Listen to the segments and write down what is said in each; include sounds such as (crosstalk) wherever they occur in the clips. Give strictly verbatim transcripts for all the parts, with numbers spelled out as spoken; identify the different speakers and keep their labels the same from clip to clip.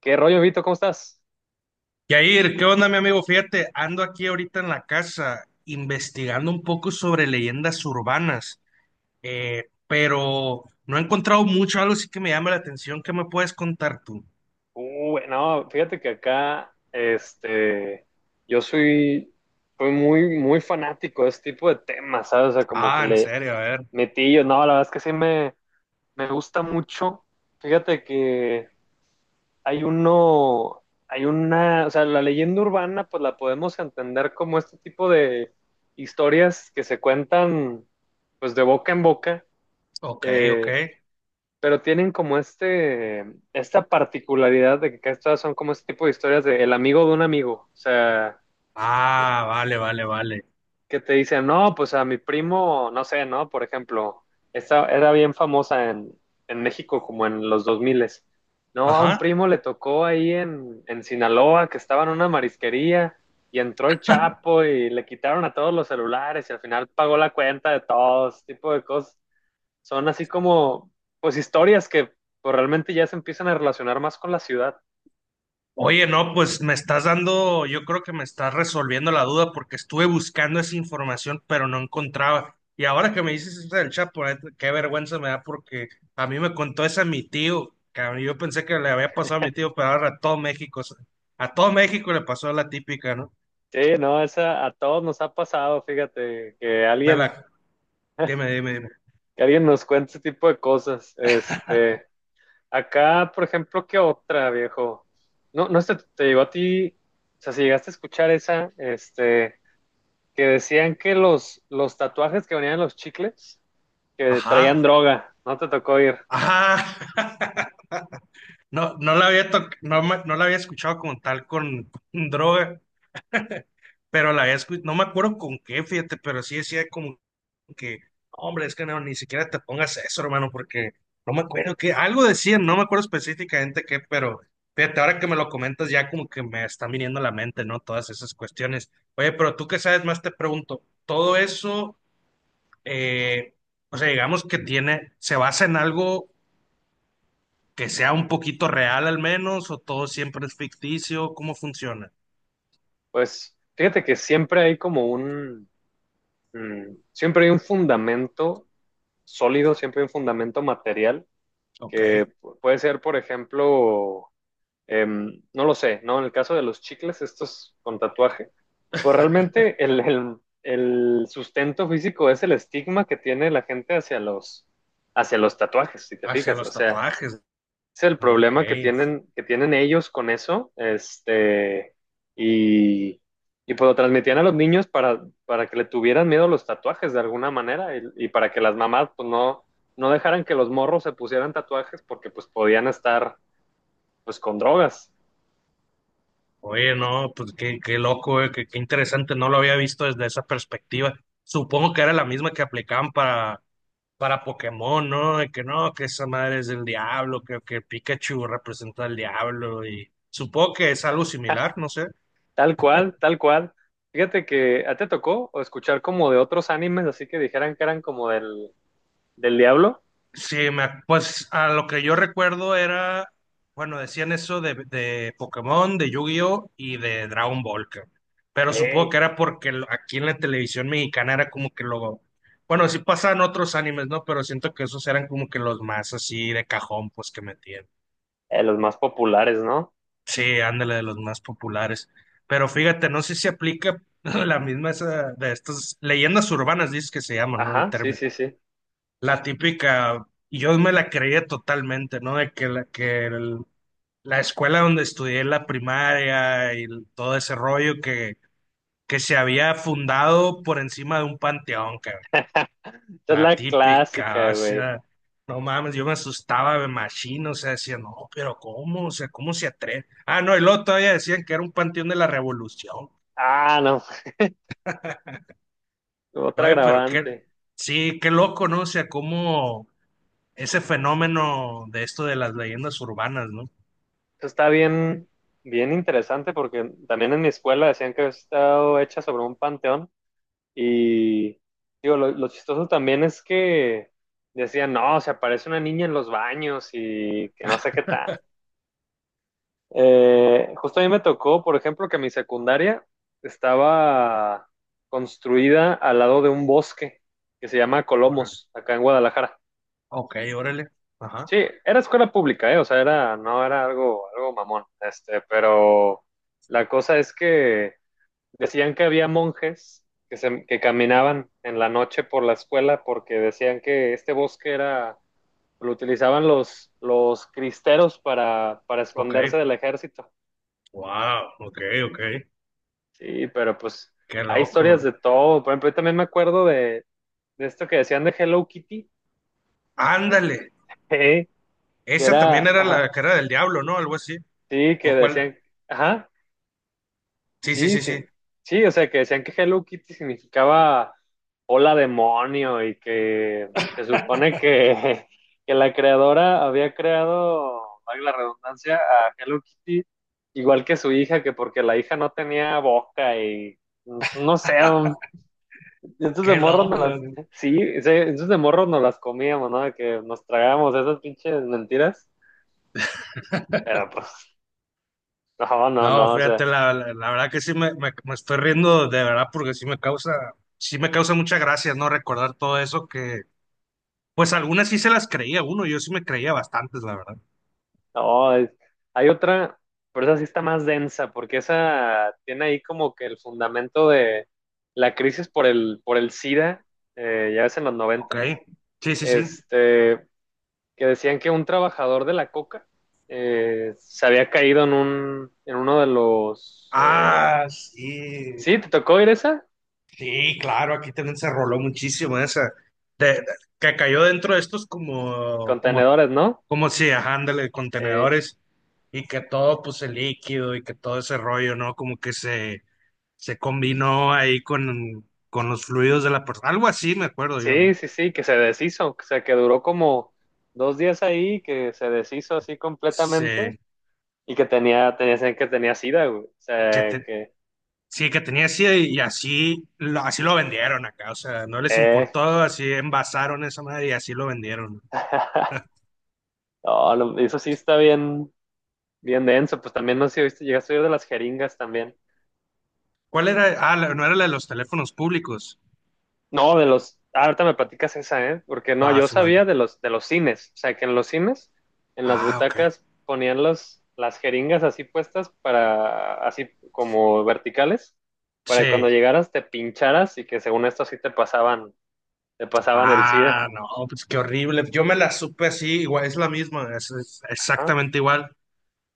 Speaker 1: ¿Qué rollo, Vito? ¿Cómo estás?
Speaker 2: Yair, ¿qué onda, mi amigo? Fíjate, ando aquí ahorita en la casa investigando un poco sobre leyendas urbanas, eh, pero no he encontrado mucho, algo sí que me llama la atención. ¿Qué me puedes contar tú?
Speaker 1: Uh, no, fíjate que acá, este, yo soy, soy muy, muy fanático de este tipo de temas, ¿sabes? O sea, como que
Speaker 2: Ah, ¿en
Speaker 1: le
Speaker 2: serio? A ver.
Speaker 1: metí yo, no, la verdad es que sí me, me gusta mucho. Fíjate que hay uno, hay una, o sea, la leyenda urbana, pues la podemos entender como este tipo de historias que se cuentan, pues de boca en boca.
Speaker 2: Ok, ok.
Speaker 1: eh, pero tienen como este, esta particularidad de que estas son como este tipo de historias de el amigo de un amigo, o sea,
Speaker 2: Ah, vale, vale, vale.
Speaker 1: que te dicen, no, pues a mi primo, no sé, ¿no? Por ejemplo, esta era bien famosa en, en México como en los dos mil. No, a un
Speaker 2: Ajá.
Speaker 1: primo le tocó ahí en, en Sinaloa que estaba en una marisquería y entró el Chapo y le quitaron a todos los celulares y al final pagó la cuenta de todos, este tipo de cosas. Son así como, pues, historias que, pues, realmente ya se empiezan a relacionar más con la ciudad.
Speaker 2: Oye, no, pues me estás dando, yo creo que me estás resolviendo la duda porque estuve buscando esa información, pero no encontraba. Y ahora que me dices eso del Chapo, la neta, qué vergüenza me da porque a mí me contó esa mi tío, cabrón, y yo pensé que le había pasado a mi tío, pero ahora a todo México, o sea, a todo México le pasó la típica, ¿no?
Speaker 1: Sí, no, esa a todos nos ha pasado, fíjate, que
Speaker 2: Me la,
Speaker 1: alguien,
Speaker 2: dime, dime, dime.
Speaker 1: que alguien nos cuente ese tipo de cosas. Este, acá, por ejemplo, ¿qué otra, viejo? No, no sé, te llegó a ti, o sea, si llegaste a escuchar esa, este, que decían que los, los tatuajes que venían en los chicles, que
Speaker 2: Ajá,
Speaker 1: traían droga, no te tocó ir.
Speaker 2: ajá. (laughs) No, no la había toc- no, me- no la había escuchado como tal con con droga, pero la había escuchado, no me acuerdo con qué, fíjate, pero sí decía como que, "No, hombre, es que no, ni siquiera te pongas eso, hermano, porque no me acuerdo que algo decían, no me acuerdo específicamente qué, pero fíjate, ahora que me lo comentas ya como que me están viniendo a la mente, ¿no? Todas esas cuestiones. Oye, pero tú que sabes más, te pregunto, todo eso, eh, o sea, digamos que tiene, se basa en algo que sea un poquito real al menos, o todo siempre es ficticio, ¿cómo funciona?
Speaker 1: Pues, fíjate que siempre hay como un… Mm, Siempre hay un fundamento sólido, siempre hay un fundamento material
Speaker 2: Ok,
Speaker 1: que pu- puede ser, por ejemplo, em, no lo sé, ¿no? En el caso de los chicles, estos con tatuaje, pues realmente el, el- el sustento físico es el estigma que tiene la gente hacia los, hacia los tatuajes, si te
Speaker 2: hacia
Speaker 1: fijas. O
Speaker 2: los
Speaker 1: sea,
Speaker 2: tatuajes,
Speaker 1: es el
Speaker 2: ¿no? Ok.
Speaker 1: problema que tienen, que tienen ellos con eso, este, y, y pues lo transmitían a los niños para, para que le tuvieran miedo a los tatuajes de alguna manera y, y para que las mamás pues no, no dejaran que los morros se pusieran tatuajes porque pues podían estar pues con drogas,
Speaker 2: Oye, no, pues qué, qué loco, eh, qué, qué interesante, no lo había visto desde esa perspectiva. Supongo que era la misma que aplicaban para, para Pokémon, ¿no? De que no, que esa madre es del diablo, que, que Pikachu representa al diablo y supongo que es algo similar, no sé.
Speaker 1: tal cual, tal cual. Fíjate que a ti te tocó o escuchar como de otros animes, así que dijeran que eran como del, del diablo.
Speaker 2: Sí, me, pues a lo que yo recuerdo era, bueno, decían eso de, de Pokémon, de Yu-Gi-Oh y de Dragon Ball, cabrón.
Speaker 1: Ok,
Speaker 2: Pero supongo que
Speaker 1: eh,
Speaker 2: era porque lo- aquí en la televisión mexicana era como que lo, bueno, sí pasaban otros animes, ¿no? Pero siento que esos eran como que los más así de cajón, pues que metían.
Speaker 1: los más populares, ¿no?
Speaker 2: Sí, ándale, de los más populares. Pero fíjate, no sé si aplica (laughs) la misma esa de estas leyendas urbanas, dices que se llaman, ¿no? El
Speaker 1: Ajá, sí,
Speaker 2: término.
Speaker 1: sí, sí.
Speaker 2: La típica, yo me la creía totalmente, ¿no? De que la, que el- la escuela donde estudié la primaria y el- todo ese rollo que, que se había fundado por encima de un panteón, cabrón.
Speaker 1: Esta es
Speaker 2: La
Speaker 1: la
Speaker 2: típica,
Speaker 1: clásica,
Speaker 2: o
Speaker 1: güey.
Speaker 2: sea, no mames, yo me asustaba de machino, o sea, decía, no, pero ¿cómo? O sea, ¿cómo se atreve? Ah, no, y luego todavía decían que era un panteón de la Revolución.
Speaker 1: Ah, no, otra
Speaker 2: Oye, pero qué,
Speaker 1: agravante.
Speaker 2: sí, qué loco, ¿no? O sea, cómo ese fenómeno de esto de las leyendas urbanas, ¿no?
Speaker 1: Eso está bien, bien interesante porque también en mi escuela decían que había estado hecha sobre un panteón y digo, lo, lo chistoso también es que decían, no, se aparece una niña en los baños y que no sé qué tal. Eh, justo a mí me tocó, por ejemplo, que mi secundaria estaba construida al lado de un bosque que se llama Colomos, acá en Guadalajara.
Speaker 2: Ok, órale.
Speaker 1: Sí,
Speaker 2: Ajá.
Speaker 1: era escuela pública, ¿eh? O sea, era, no era algo, algo mamón, este, pero la cosa es que decían que había monjes que, se, que caminaban en la noche por la escuela porque decían que este bosque era, lo utilizaban los, los cristeros para, para
Speaker 2: Ok.
Speaker 1: esconderse del ejército.
Speaker 2: Wow. Ok, ok.
Speaker 1: Sí, pero pues
Speaker 2: Qué
Speaker 1: hay historias
Speaker 2: loco.
Speaker 1: de todo. Por ejemplo, yo también me acuerdo de, de esto que decían de Hello Kitty,
Speaker 2: Ándale.
Speaker 1: (laughs) ¿eh? Que
Speaker 2: Esa también
Speaker 1: era,
Speaker 2: era la
Speaker 1: ajá,
Speaker 2: cara del diablo, ¿no? Algo así.
Speaker 1: sí, que
Speaker 2: ¿O cuál?
Speaker 1: decían, ajá.
Speaker 2: Sí, sí,
Speaker 1: Sí,
Speaker 2: sí,
Speaker 1: sí,
Speaker 2: sí.
Speaker 1: sí, o sea, que decían que Hello Kitty significaba hola demonio y que se supone que, (laughs) que la creadora había creado, valga la redundancia, a Hello Kitty igual que su hija, que porque la hija no tenía boca y, pues, no sé, un- esos de
Speaker 2: Qué
Speaker 1: morros no
Speaker 2: loco,
Speaker 1: las,
Speaker 2: güey.
Speaker 1: sí, ese- esos de morros no las comíamos, ¿no? De que nos tragábamos esas pinches mentiras, pero pues, (laughs) no, no,
Speaker 2: No,
Speaker 1: no, o
Speaker 2: fíjate,
Speaker 1: sea.
Speaker 2: la, la, la verdad que sí me, me, me estoy riendo de verdad porque sí me causa, sí me causa mucha gracia, ¿no? Recordar todo eso que, pues algunas sí se las creía uno, yo sí me creía bastantes, la verdad.
Speaker 1: No, es- hay otra, pero esa sí está más densa, porque esa tiene ahí como que el fundamento de la crisis por el, por el SIDA, eh, ya ves en los
Speaker 2: Ok.
Speaker 1: noventas,
Speaker 2: Sí, sí, sí.
Speaker 1: este, que decían que un trabajador de la coca, eh, se había caído en un, en uno de los, eh,
Speaker 2: Ah, sí.
Speaker 1: sí, te tocó ir esa,
Speaker 2: Sí, claro, aquí también se roló muchísimo esa, de- de- que cayó dentro de estos como, como,
Speaker 1: contenedores, ¿no?
Speaker 2: como si, ajá, ándale,
Speaker 1: Eh,
Speaker 2: contenedores, y que todo, pues, el líquido y que todo ese rollo, ¿no? Como que se, se combinó ahí con, con los fluidos de la persona, algo así, me acuerdo yo, ¿no?
Speaker 1: sí, sí, sí, que se deshizo, o sea, que duró como dos días ahí, que se deshizo así completamente.
Speaker 2: Se-
Speaker 1: Y que tenía, tenía, que tenía sida, güey. O
Speaker 2: que
Speaker 1: sea,
Speaker 2: te-
Speaker 1: que…
Speaker 2: sí, que tenía así, y así, lo, así lo vendieron acá, o sea, no les
Speaker 1: Eh.
Speaker 2: importó, así envasaron esa madre y así lo vendieron, ¿no?
Speaker 1: (laughs) No, no, eso sí está bien, bien denso. Pues también no sé si viste, llegaste a oír de las jeringas también.
Speaker 2: ¿Cuál era? Ah, la- no era la de los teléfonos públicos.
Speaker 1: No, de los… ah, ahorita me platicas esa, ¿eh? Porque no, yo
Speaker 2: Batman.
Speaker 1: sabía de los, de los cines. O sea, que en los cines, en las
Speaker 2: Ah, ok.
Speaker 1: butacas, ponían los, las jeringas así puestas para, así como verticales, para que
Speaker 2: Sí.
Speaker 1: cuando llegaras te pincharas y que según esto así te pasaban, te pasaban el SIDA.
Speaker 2: Ah, no, pues qué horrible. Yo me la supe así, igual, es la misma, es, es
Speaker 1: Ajá,
Speaker 2: exactamente igual.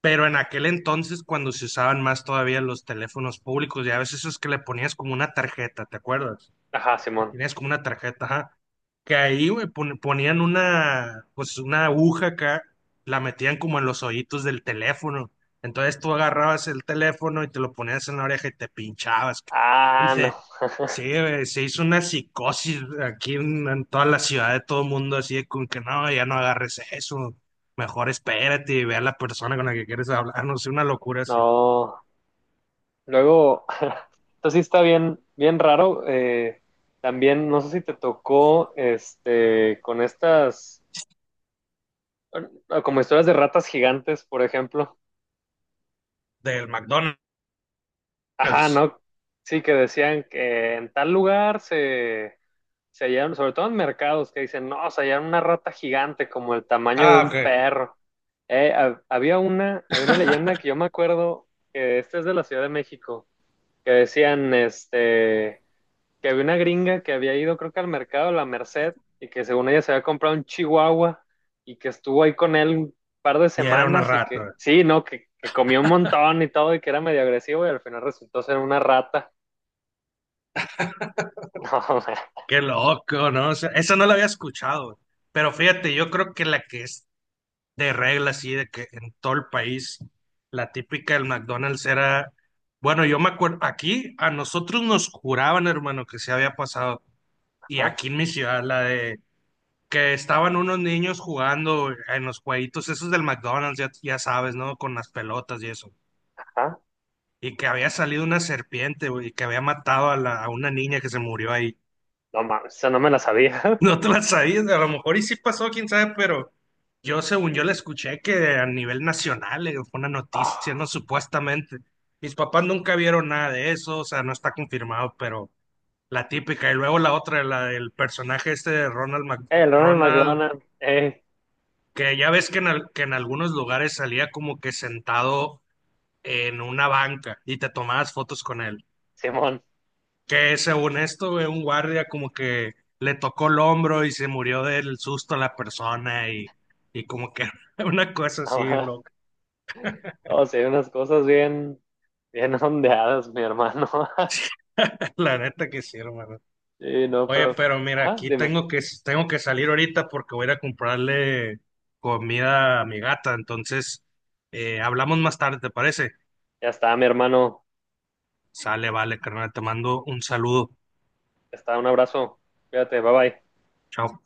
Speaker 2: Pero en aquel entonces, cuando se usaban más todavía los teléfonos públicos, ya a veces es que le ponías como una tarjeta, ¿te acuerdas?
Speaker 1: ajá,
Speaker 2: Que
Speaker 1: Simón.
Speaker 2: tenías como una tarjeta, ajá, que ahí, güey, pon- ponían una, pues una aguja acá, la metían como en los hoyitos del teléfono. Entonces tú agarrabas el teléfono y te lo ponías en la oreja y te pinchabas.
Speaker 1: Ah, no.
Speaker 2: Dice, sí,
Speaker 1: (laughs)
Speaker 2: güey, se hizo una psicosis aquí en, en toda la ciudad de todo el mundo, así de con que no, ya no agarres eso. Mejor espérate y ve a la persona con la que quieres hablar, no sé, una locura así.
Speaker 1: No. Luego, (laughs) esto sí está bien, bien raro. Eh, también, no sé si te tocó, este, con estas, eh, como historias de ratas gigantes, por ejemplo.
Speaker 2: Del McDonald's.
Speaker 1: Ajá, ¿no? Sí, que decían que en tal lugar se, se hallaron, sobre todo en mercados, que dicen, no, se hallaron una rata gigante como el tamaño de
Speaker 2: Ah,
Speaker 1: un
Speaker 2: ok.
Speaker 1: perro. Eh, ha- había una, había una leyenda que yo me acuerdo, que esta es de la Ciudad de México, que decían este, que había una gringa que había ido, creo que al mercado de la Merced, y que según ella se había comprado un chihuahua y que estuvo ahí con él un par de
Speaker 2: Y era una
Speaker 1: semanas y que,
Speaker 2: rata.
Speaker 1: sí, no, que, que comió un montón y todo y que era medio agresivo y al final resultó ser una rata. (laughs)
Speaker 2: Qué loco, ¿no? O sea, esa no lo había escuchado, pero fíjate, yo creo que la que es de regla, así, de que en todo el país, la típica del McDonald's era, bueno, yo me acuerdo, aquí a nosotros nos juraban, hermano, que se había pasado, y
Speaker 1: No, man,
Speaker 2: aquí en mi ciudad, la de que estaban unos niños jugando en los jueguitos esos del McDonald's, ya, ya sabes, ¿no? Con las pelotas y eso,
Speaker 1: ¿ah?
Speaker 2: y que había salido una serpiente, güey, y que había matado a, la, a una niña que se murió ahí.
Speaker 1: No mames, eso no me la sabía. (laughs)
Speaker 2: No te la sabías, a lo mejor y sí pasó, quién sabe, pero yo según yo la escuché que a nivel nacional, eh, fue una noticia, ¿no?
Speaker 1: Oh,
Speaker 2: Supuestamente. Mis papás nunca vieron nada de eso, o sea, no está confirmado, pero la típica. Y luego la otra, la del personaje este de Ronald, Mac-
Speaker 1: el Ronald
Speaker 2: Ronald,
Speaker 1: McDonald, eh,
Speaker 2: que ya ves que en, al- que en algunos lugares salía como que sentado en una banca y te tomabas fotos con él.
Speaker 1: Simón,
Speaker 2: Que según esto, güey, un guardia como que le tocó el hombro y se murió del susto a la persona y, y como que (laughs) una cosa así bien loca.
Speaker 1: (laughs) o sea, unas cosas bien, bien (laughs) ondeadas, mi hermano. (laughs)
Speaker 2: (laughs) La neta que sí, hermano.
Speaker 1: Sí, no,
Speaker 2: Oye,
Speaker 1: pero,
Speaker 2: pero mira,
Speaker 1: ajá,
Speaker 2: aquí
Speaker 1: dime.
Speaker 2: tengo que, tengo que salir ahorita porque voy a ir a comprarle comida a mi gata. Entonces, eh, hablamos más tarde, ¿te parece?
Speaker 1: Ya está, mi hermano.
Speaker 2: Sale, vale, carnal, te mando un saludo.
Speaker 1: Ya está, un abrazo. Cuídate, bye bye.
Speaker 2: Chao.